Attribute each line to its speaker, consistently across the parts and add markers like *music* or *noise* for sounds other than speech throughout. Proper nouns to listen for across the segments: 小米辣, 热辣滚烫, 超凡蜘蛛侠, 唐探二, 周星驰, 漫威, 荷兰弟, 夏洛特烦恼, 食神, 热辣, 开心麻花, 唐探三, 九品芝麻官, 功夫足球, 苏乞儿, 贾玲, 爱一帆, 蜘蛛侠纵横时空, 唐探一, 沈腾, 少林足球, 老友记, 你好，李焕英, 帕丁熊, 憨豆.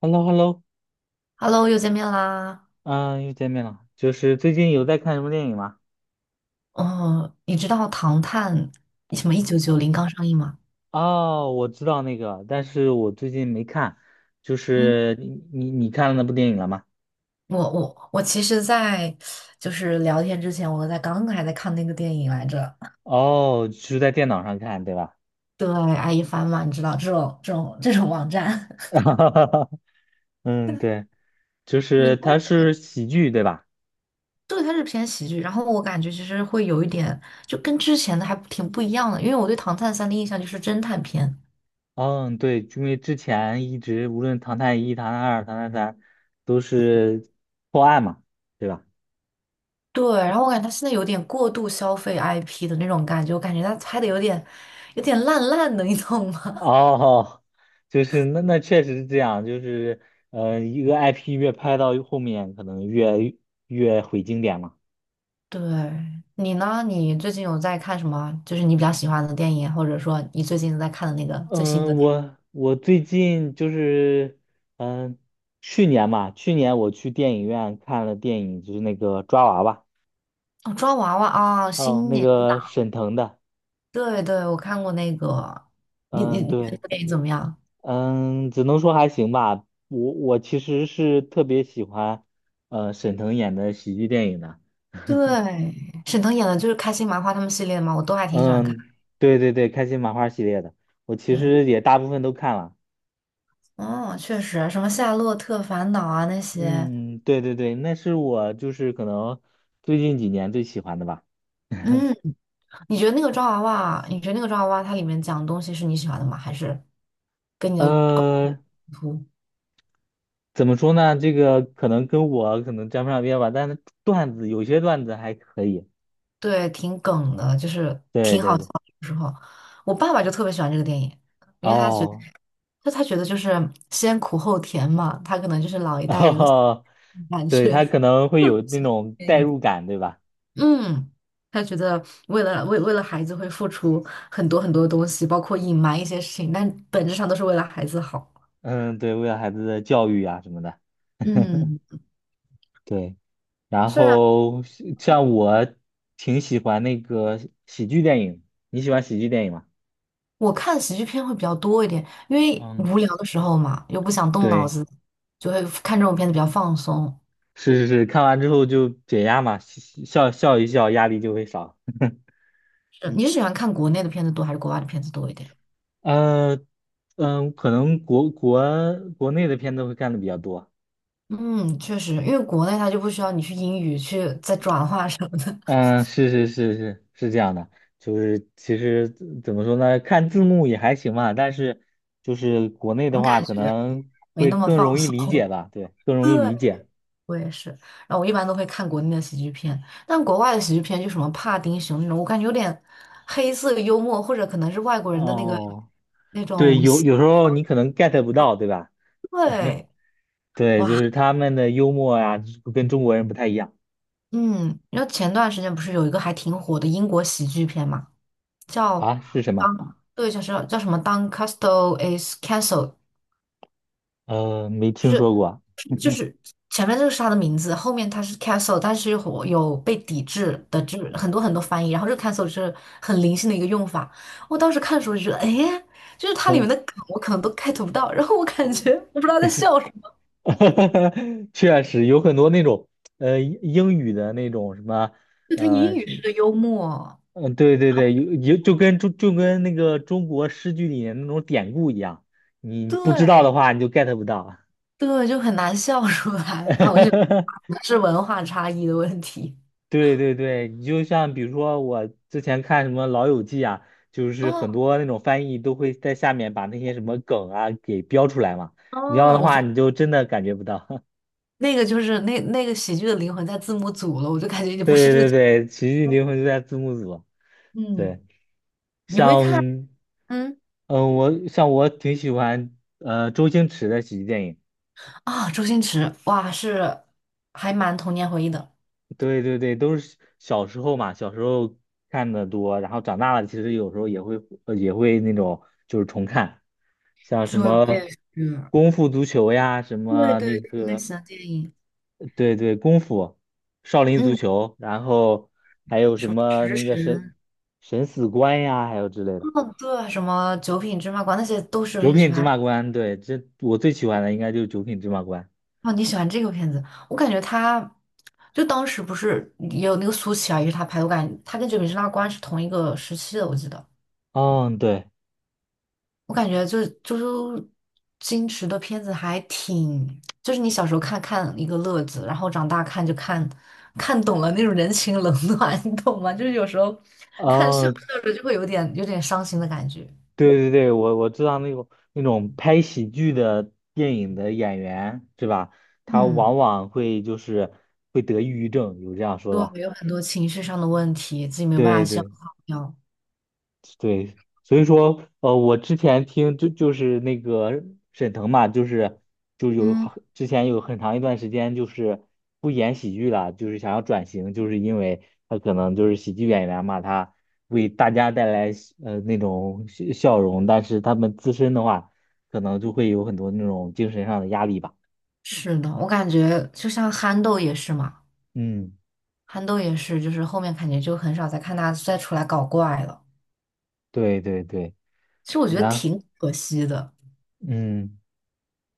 Speaker 1: h e l l o h e l l o
Speaker 2: Hello，又见面啦。
Speaker 1: 嗯，又见面了。就是最近有在看什么电影吗？
Speaker 2: 哦，你知道《唐探》什么一九九零刚上映吗？
Speaker 1: 哦，我知道那个，但是我最近没看。就
Speaker 2: 嗯，
Speaker 1: 是你看了那部电影了吗？
Speaker 2: 我其实在，就是聊天之前，我在刚刚还在看那个电影来着。
Speaker 1: 哦，是在电脑上看，对吧？
Speaker 2: 对，爱一帆嘛，你知道这种网站。
Speaker 1: *laughs* 嗯，对，就
Speaker 2: *laughs* 你
Speaker 1: 是
Speaker 2: 说
Speaker 1: 它是喜剧，对吧？
Speaker 2: 对，它是偏喜剧。然后我感觉其实会有一点，就跟之前的还挺不一样的，因为我对《唐探三》的印象就是侦探片。
Speaker 1: 嗯，对，因为之前一直无论《唐探一》《唐探二》《唐探三》都是破案嘛，对吧？
Speaker 2: 对，然后我感觉他现在有点过度消费 IP 的那种感觉，我感觉他拍的有点烂烂的，你懂吗？
Speaker 1: 哦，就是那确实是这样，就是一个 IP 越拍到后面，可能越毁经典嘛。
Speaker 2: 对，你呢？你最近有在看什么？就是你比较喜欢的电影，或者说你最近在看的那个最新的
Speaker 1: 嗯，
Speaker 2: 电
Speaker 1: 我最近就是嗯，去年嘛，去年我去电影院看了电影，就是那个抓娃娃，
Speaker 2: 影哦，抓娃娃啊，
Speaker 1: 哦，
Speaker 2: 新
Speaker 1: 那
Speaker 2: 年
Speaker 1: 个
Speaker 2: 档。
Speaker 1: 沈腾的，
Speaker 2: 对对，我看过那个。你你
Speaker 1: 嗯，
Speaker 2: 你觉得
Speaker 1: 对，
Speaker 2: 这个电影怎么样？
Speaker 1: 嗯，只能说还行吧。我其实是特别喜欢沈腾演的喜剧电影的。*laughs*
Speaker 2: 对，沈腾演的就是开心麻花他们系列嘛，我都还挺喜欢看。
Speaker 1: 嗯，对对对，开心麻花系列的，我其
Speaker 2: 对，
Speaker 1: 实也大部分都看了。
Speaker 2: 哦，确实，什么《夏洛特烦恼》啊那些。
Speaker 1: 嗯，对对对，那是我就是可能最近几年最喜欢的吧。
Speaker 2: 嗯，你觉得那个抓娃娃，你觉得那个抓娃娃它里面讲的东西是你喜欢的吗？还是跟你的观点
Speaker 1: 呃，
Speaker 2: 冲突？
Speaker 1: 怎么说呢？这个可能跟我可能沾不上边吧，但是段子有些段子还可以。
Speaker 2: 对，挺梗的，就是
Speaker 1: 对
Speaker 2: 挺
Speaker 1: 对
Speaker 2: 好笑
Speaker 1: 对，
Speaker 2: 的。有时候，我爸爸就特别喜欢这个电影，因为他觉得，
Speaker 1: 哦
Speaker 2: 就他觉得就是先苦后甜嘛，他可能就是老
Speaker 1: *laughs*，
Speaker 2: 一代人的
Speaker 1: 哦，
Speaker 2: 感
Speaker 1: 对，
Speaker 2: 觉。
Speaker 1: 他可
Speaker 2: *laughs*
Speaker 1: 能会有那种代入感，对吧？
Speaker 2: 嗯，他觉得为了孩子会付出很多很多东西，包括隐瞒一些事情，但本质上都是为了孩子好。
Speaker 1: 嗯，对，为了孩子的教育啊什么的。*laughs*
Speaker 2: 嗯，
Speaker 1: 对，然后像我挺喜欢那个喜剧电影，你喜欢喜剧电影吗？
Speaker 2: 我看喜剧片会比较多一点，因为
Speaker 1: 嗯，
Speaker 2: 无聊的时候嘛，又不想动脑
Speaker 1: 对，
Speaker 2: 子，就会看这种片子比较放松。
Speaker 1: 是是是，看完之后就解压嘛，笑笑一笑，压力就会少。
Speaker 2: 是你是喜欢看国内的片子多还是国外的片子多一点？
Speaker 1: 呃，可能国内的片子会看的比较多。
Speaker 2: 嗯，确实，因为国内它就不需要你去英语去再转化什么的，
Speaker 1: 嗯，是这样的，就是其实怎么说呢，看字幕也还行吧，但是就是国内
Speaker 2: 总
Speaker 1: 的
Speaker 2: 感
Speaker 1: 话，可
Speaker 2: 觉
Speaker 1: 能
Speaker 2: 没
Speaker 1: 会
Speaker 2: 那么
Speaker 1: 更
Speaker 2: 放
Speaker 1: 容易
Speaker 2: 松。
Speaker 1: 理解吧，对，更
Speaker 2: *laughs* 对，
Speaker 1: 容易理解。
Speaker 2: 我也是。然后我一般都会看国内的喜剧片，但国外的喜剧片就什么帕丁熊那种，我感觉有点黑色幽默，或者可能是外国人的那个
Speaker 1: 哦，
Speaker 2: 那
Speaker 1: 对，
Speaker 2: 种
Speaker 1: 有
Speaker 2: 喜
Speaker 1: 有时候你可能 get 不到，对吧？
Speaker 2: 对，
Speaker 1: 对，就
Speaker 2: 哇，
Speaker 1: 是他们的幽默呀，跟中国人不太一样
Speaker 2: 嗯，然后前段时间不是有一个还挺火的英国喜剧片嘛，叫
Speaker 1: 啊，是什么？
Speaker 2: 当，对，叫什么《当 c a s t l e is c a n c e l l e
Speaker 1: 没听
Speaker 2: 是
Speaker 1: 说过啊。
Speaker 2: 就是前面这个是他的名字，后面他是 castle，但是有被抵制的，就是很多很多翻译。然后这个 castle 是很灵性的一个用法。我当时看的时候就觉得，哎，就是它里面
Speaker 1: 嗯
Speaker 2: 的梗我可能都 get 不到，然后我感觉我不知道在笑什么，
Speaker 1: *laughs* 确实有很多那种英语的那种
Speaker 2: 就他英语
Speaker 1: 什么，
Speaker 2: 式的幽默，
Speaker 1: 对对对，有就跟那个中国诗句里面那种典故一样，你不知道的
Speaker 2: 对
Speaker 1: 话你就 get 不到。
Speaker 2: 对，就很难笑出来。然后我就觉
Speaker 1: *laughs*
Speaker 2: 得是文化差异的问题。
Speaker 1: 对对对，你就像比如说我之前看什么《老友记》啊，就是很
Speaker 2: 哦
Speaker 1: 多那种翻译都会在下面把那些什么梗啊给标出来嘛，你要的
Speaker 2: 哦，我觉
Speaker 1: 话
Speaker 2: 得
Speaker 1: 你就真的感觉不到。*laughs*
Speaker 2: 那个就是那个喜剧的灵魂在字幕组了，我就感觉也不是
Speaker 1: 对
Speaker 2: 这
Speaker 1: 对
Speaker 2: 个。
Speaker 1: 对，喜剧灵魂就在字幕组。
Speaker 2: 嗯，
Speaker 1: 对，
Speaker 2: 你会
Speaker 1: 像
Speaker 2: 看。嗯。
Speaker 1: 嗯，我挺喜欢周星驰的喜剧电影。
Speaker 2: 啊，周星驰，哇，是还蛮童年回忆的。
Speaker 1: 对对对，都是小时候嘛，小时候看的多，然后长大了其实有时候也会也会那种就是重看，像什
Speaker 2: 对，我
Speaker 1: 么
Speaker 2: 也是，
Speaker 1: 功夫足球呀，什
Speaker 2: 对
Speaker 1: 么
Speaker 2: 对，
Speaker 1: 那
Speaker 2: 是类
Speaker 1: 个
Speaker 2: 似的电影。
Speaker 1: 对对功夫、少林足
Speaker 2: 嗯，
Speaker 1: 球，然后还有什
Speaker 2: 什么
Speaker 1: 么
Speaker 2: 食
Speaker 1: 那个神
Speaker 2: 神，
Speaker 1: 神死关呀，还有之类的
Speaker 2: 嗯，对，什么九品芝麻官，那些都是周
Speaker 1: 九
Speaker 2: 星驰
Speaker 1: 品芝
Speaker 2: 拍的。
Speaker 1: 麻官，对，这我最喜欢的应该就是九品芝麻官。
Speaker 2: 哦，你喜欢这个片子？我感觉他，就当时不是也有那个苏乞儿也是他拍的，我感觉他跟九品芝麻官是同一个时期的，我记得。
Speaker 1: 嗯，对，
Speaker 2: 我感觉就是周星驰的片子还挺，就是你小时候看看一个乐子，然后长大看就看懂了那种人情冷暖，*laughs* 你懂吗？就是有时候看笑
Speaker 1: 嗯。
Speaker 2: 着笑着就会有点伤心的感觉。
Speaker 1: 对对对，我知道那种拍喜剧的电影的演员是吧？他
Speaker 2: 嗯，
Speaker 1: 往往会就是会得抑郁症，有这样说的吧
Speaker 2: 对，有很多情绪上的问题，自己没有办法
Speaker 1: 对
Speaker 2: 消
Speaker 1: 对。
Speaker 2: 化掉。
Speaker 1: 对，所以说，我之前听就是那个沈腾嘛，就是就有
Speaker 2: 嗯，
Speaker 1: 好之前有很长一段时间就是不演喜剧了，就是想要转型，就是因为他可能就是喜剧演员嘛，他为大家带来那种笑容，但是他们自身的话，可能就会有很多那种精神上的压力吧。
Speaker 2: 是的，我感觉就像憨豆也是嘛，
Speaker 1: 嗯，
Speaker 2: 憨豆也是，就是后面感觉就很少再看他再出来搞怪了。
Speaker 1: 对对对，
Speaker 2: 其实我觉得
Speaker 1: 然
Speaker 2: 挺可惜的。
Speaker 1: 嗯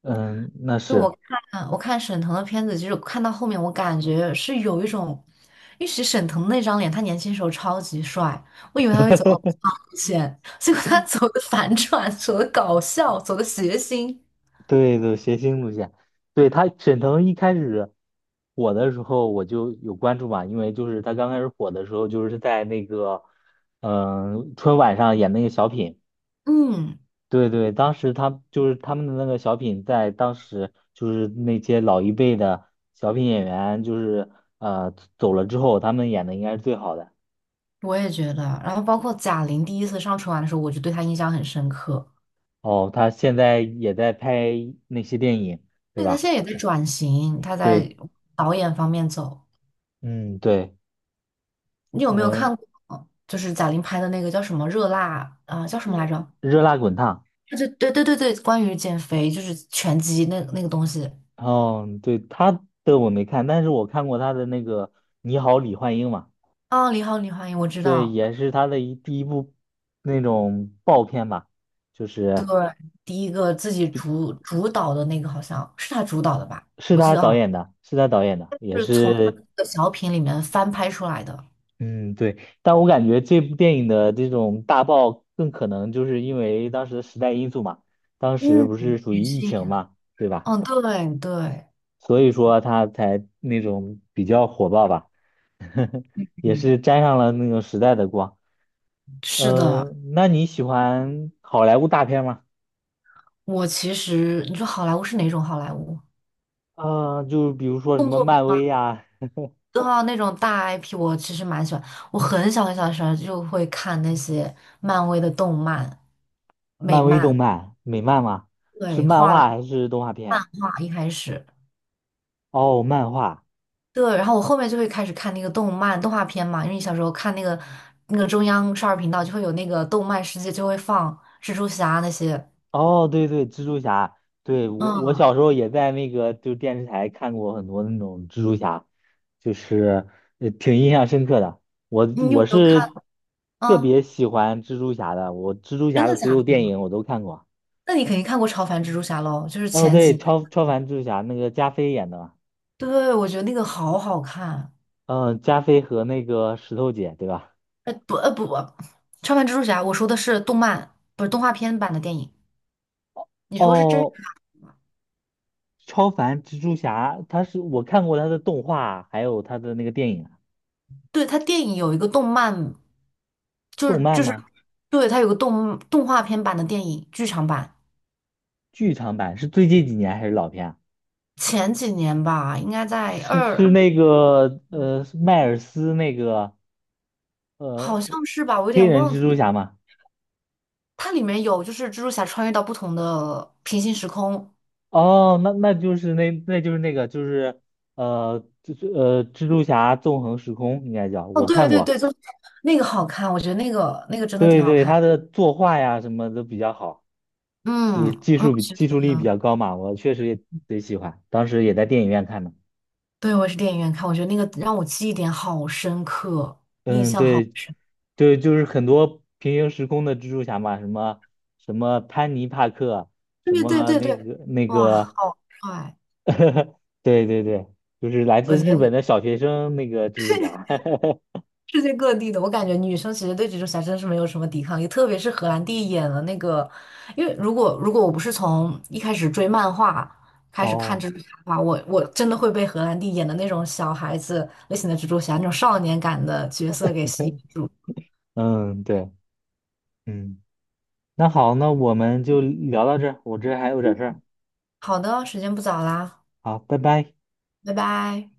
Speaker 1: 嗯，那
Speaker 2: 就我
Speaker 1: 是。
Speaker 2: 看嗯我看沈腾的片子，其实我看到后面，我感觉是有一种，因为其实沈腾那张脸，他年轻时候超级帅，我以为他会走欧巴路线，*laughs* 结果他走的反转，走的搞笑，走的谐星。
Speaker 1: 对对，谐星路线，对他沈腾一开始火的时候我就有关注嘛，因为就是他刚开始火的时候，就是在那个春晚上演那个小品，
Speaker 2: 嗯，
Speaker 1: 对对，当时他就是他们的那个小品，在当时就是那些老一辈的小品演员，就是走了之后，他们演的应该是最好的。
Speaker 2: 我也觉得。然后包括贾玲第一次上春晚的时候，我就对她印象很深刻。
Speaker 1: 哦，他现在也在拍那些电影，对
Speaker 2: 对，她
Speaker 1: 吧？
Speaker 2: 现在也在转型，她
Speaker 1: 对，
Speaker 2: 在导演方面走。
Speaker 1: 嗯，对，
Speaker 2: 你有没有
Speaker 1: 嗯、
Speaker 2: 看过，嗯就是贾玲拍的那个叫什么《热辣》啊、叫什么来着？
Speaker 1: 热辣滚烫。
Speaker 2: 对对对对对，关于减肥就是拳击那个东西。
Speaker 1: 哦，对，他的我没看，但是我看过他的那个《你好，李焕英》嘛，
Speaker 2: 啊。你好，李焕英，我知
Speaker 1: 对，
Speaker 2: 道。
Speaker 1: 也是他的第一部那种爆片吧，就
Speaker 2: 对，
Speaker 1: 是
Speaker 2: 第一个自己主导的那个好像是他主导的吧？
Speaker 1: 是
Speaker 2: 我记
Speaker 1: 他
Speaker 2: 得
Speaker 1: 导
Speaker 2: 啊，
Speaker 1: 演的，是他导演的，也
Speaker 2: 是从他的
Speaker 1: 是，
Speaker 2: 那个小品里面翻拍出来的。
Speaker 1: 嗯，对，但我感觉这部电影的这种大爆更可能就是因为当时的时代因素嘛，当时
Speaker 2: 嗯，
Speaker 1: 不是属于
Speaker 2: 女
Speaker 1: 疫
Speaker 2: 性。
Speaker 1: 情嘛，对吧？
Speaker 2: 嗯，对对，
Speaker 1: 所以说他才那种比较火爆吧，*laughs* 也
Speaker 2: 嗯，
Speaker 1: 是沾上了那种时代的光。
Speaker 2: 是的。
Speaker 1: 嗯，那你喜欢好莱坞大片吗？
Speaker 2: 我其实你说好莱坞是哪种好莱坞？
Speaker 1: 就比如说什
Speaker 2: 动
Speaker 1: 么
Speaker 2: 作片
Speaker 1: 漫
Speaker 2: 吗？
Speaker 1: 威呀、
Speaker 2: 对啊，那种大 IP 我其实蛮喜欢。我很小很小的时候就会看那些漫威的动漫、美
Speaker 1: 漫威动
Speaker 2: 漫。
Speaker 1: 漫、美漫吗？是
Speaker 2: 对，
Speaker 1: 漫
Speaker 2: 画
Speaker 1: 画
Speaker 2: 的
Speaker 1: 还是动画片
Speaker 2: 漫
Speaker 1: 啊？
Speaker 2: 画一开始，
Speaker 1: 哦，漫画。
Speaker 2: 对，然后我后面就会开始看那个动漫动画片嘛，因为你小时候看那个那个中央少儿频道就会有那个动漫世界就会放蜘蛛侠那些。
Speaker 1: 哦，对对，蜘蛛侠。对，我
Speaker 2: 嗯，
Speaker 1: 小时候也在那个就电视台看过很多那种蜘蛛侠，就是挺印象深刻的。我
Speaker 2: 你有
Speaker 1: 我
Speaker 2: 没有看
Speaker 1: 是特
Speaker 2: 啊？
Speaker 1: 别喜欢蜘蛛侠的，我蜘蛛
Speaker 2: 真
Speaker 1: 侠
Speaker 2: 的
Speaker 1: 的所
Speaker 2: 假
Speaker 1: 有
Speaker 2: 的？
Speaker 1: 电影我都看过。
Speaker 2: 那你肯定看过超凡蜘蛛侠喽，就是
Speaker 1: 哦，
Speaker 2: 前几
Speaker 1: 对，
Speaker 2: 年，
Speaker 1: 超凡蜘蛛侠那个加菲演的嘛。
Speaker 2: 对，我觉得那个好好看，
Speaker 1: 嗯，加菲和那个石头姐，对吧？
Speaker 2: 呃不，超凡蜘蛛侠，我说的是动漫，不是动画片版的电影，你说是真。
Speaker 1: 哦，超凡蜘蛛侠，他是我看过他的动画，还有他的那个电影啊
Speaker 2: 对，它电影有一个动漫，就是
Speaker 1: 动漫
Speaker 2: 就是
Speaker 1: 吗？
Speaker 2: 对，它有个动画片版的电影剧场版，
Speaker 1: 剧场版是最近几年还是老片啊？
Speaker 2: 前几年吧，应该在
Speaker 1: 是
Speaker 2: 二
Speaker 1: 是
Speaker 2: 二，
Speaker 1: 那个是迈尔斯那个呃
Speaker 2: 好像是吧，我有
Speaker 1: 黑
Speaker 2: 点
Speaker 1: 人
Speaker 2: 忘
Speaker 1: 蜘
Speaker 2: 记。
Speaker 1: 蛛侠吗？
Speaker 2: 它里面有就是蜘蛛侠穿越到不同的平行时空。
Speaker 1: 哦，那就是蜘蛛侠纵横时空应该叫，
Speaker 2: 哦，
Speaker 1: 我
Speaker 2: 对
Speaker 1: 看
Speaker 2: 对
Speaker 1: 过，
Speaker 2: 对，就是那个好看，我觉得那个真的挺
Speaker 1: 对
Speaker 2: 好
Speaker 1: 对，
Speaker 2: 看。
Speaker 1: 他的作画呀什么都比较好。就
Speaker 2: 嗯，
Speaker 1: 是技
Speaker 2: 我
Speaker 1: 术比
Speaker 2: 是觉
Speaker 1: 技术力比
Speaker 2: 得，
Speaker 1: 较高嘛，我确实也贼喜欢，当时也在电影院看的。
Speaker 2: 对，我也是电影院看，我觉得那个让我记忆点好深刻，印
Speaker 1: 嗯，
Speaker 2: 象好
Speaker 1: 对，
Speaker 2: 深。
Speaker 1: 对，就是很多平行时空的蜘蛛侠嘛，什么潘尼帕克，什
Speaker 2: 对对
Speaker 1: 么
Speaker 2: 对
Speaker 1: 那
Speaker 2: 对，
Speaker 1: 个那
Speaker 2: 哇，
Speaker 1: 个，
Speaker 2: 好帅！
Speaker 1: *laughs* 对对对，就是来
Speaker 2: 我
Speaker 1: 自
Speaker 2: 觉
Speaker 1: 日
Speaker 2: 得。
Speaker 1: 本的小学生那个蜘蛛侠。*laughs*
Speaker 2: 世界各地的，我感觉女生其实对蜘蛛侠真的是没有什么抵抗力，特别是荷兰弟演的那个，因为如果我不是从一开始追漫画开始看
Speaker 1: 哦，
Speaker 2: 蜘蛛侠的话，我真的会被荷兰弟演的那种小孩子类型的蜘蛛侠那种少年感的角色给吸引住。
Speaker 1: 嗯，对，嗯，那好，那我们就聊到这儿，我这还有点事儿，
Speaker 2: 好的，时间不早啦，
Speaker 1: 好，拜拜。
Speaker 2: 拜拜。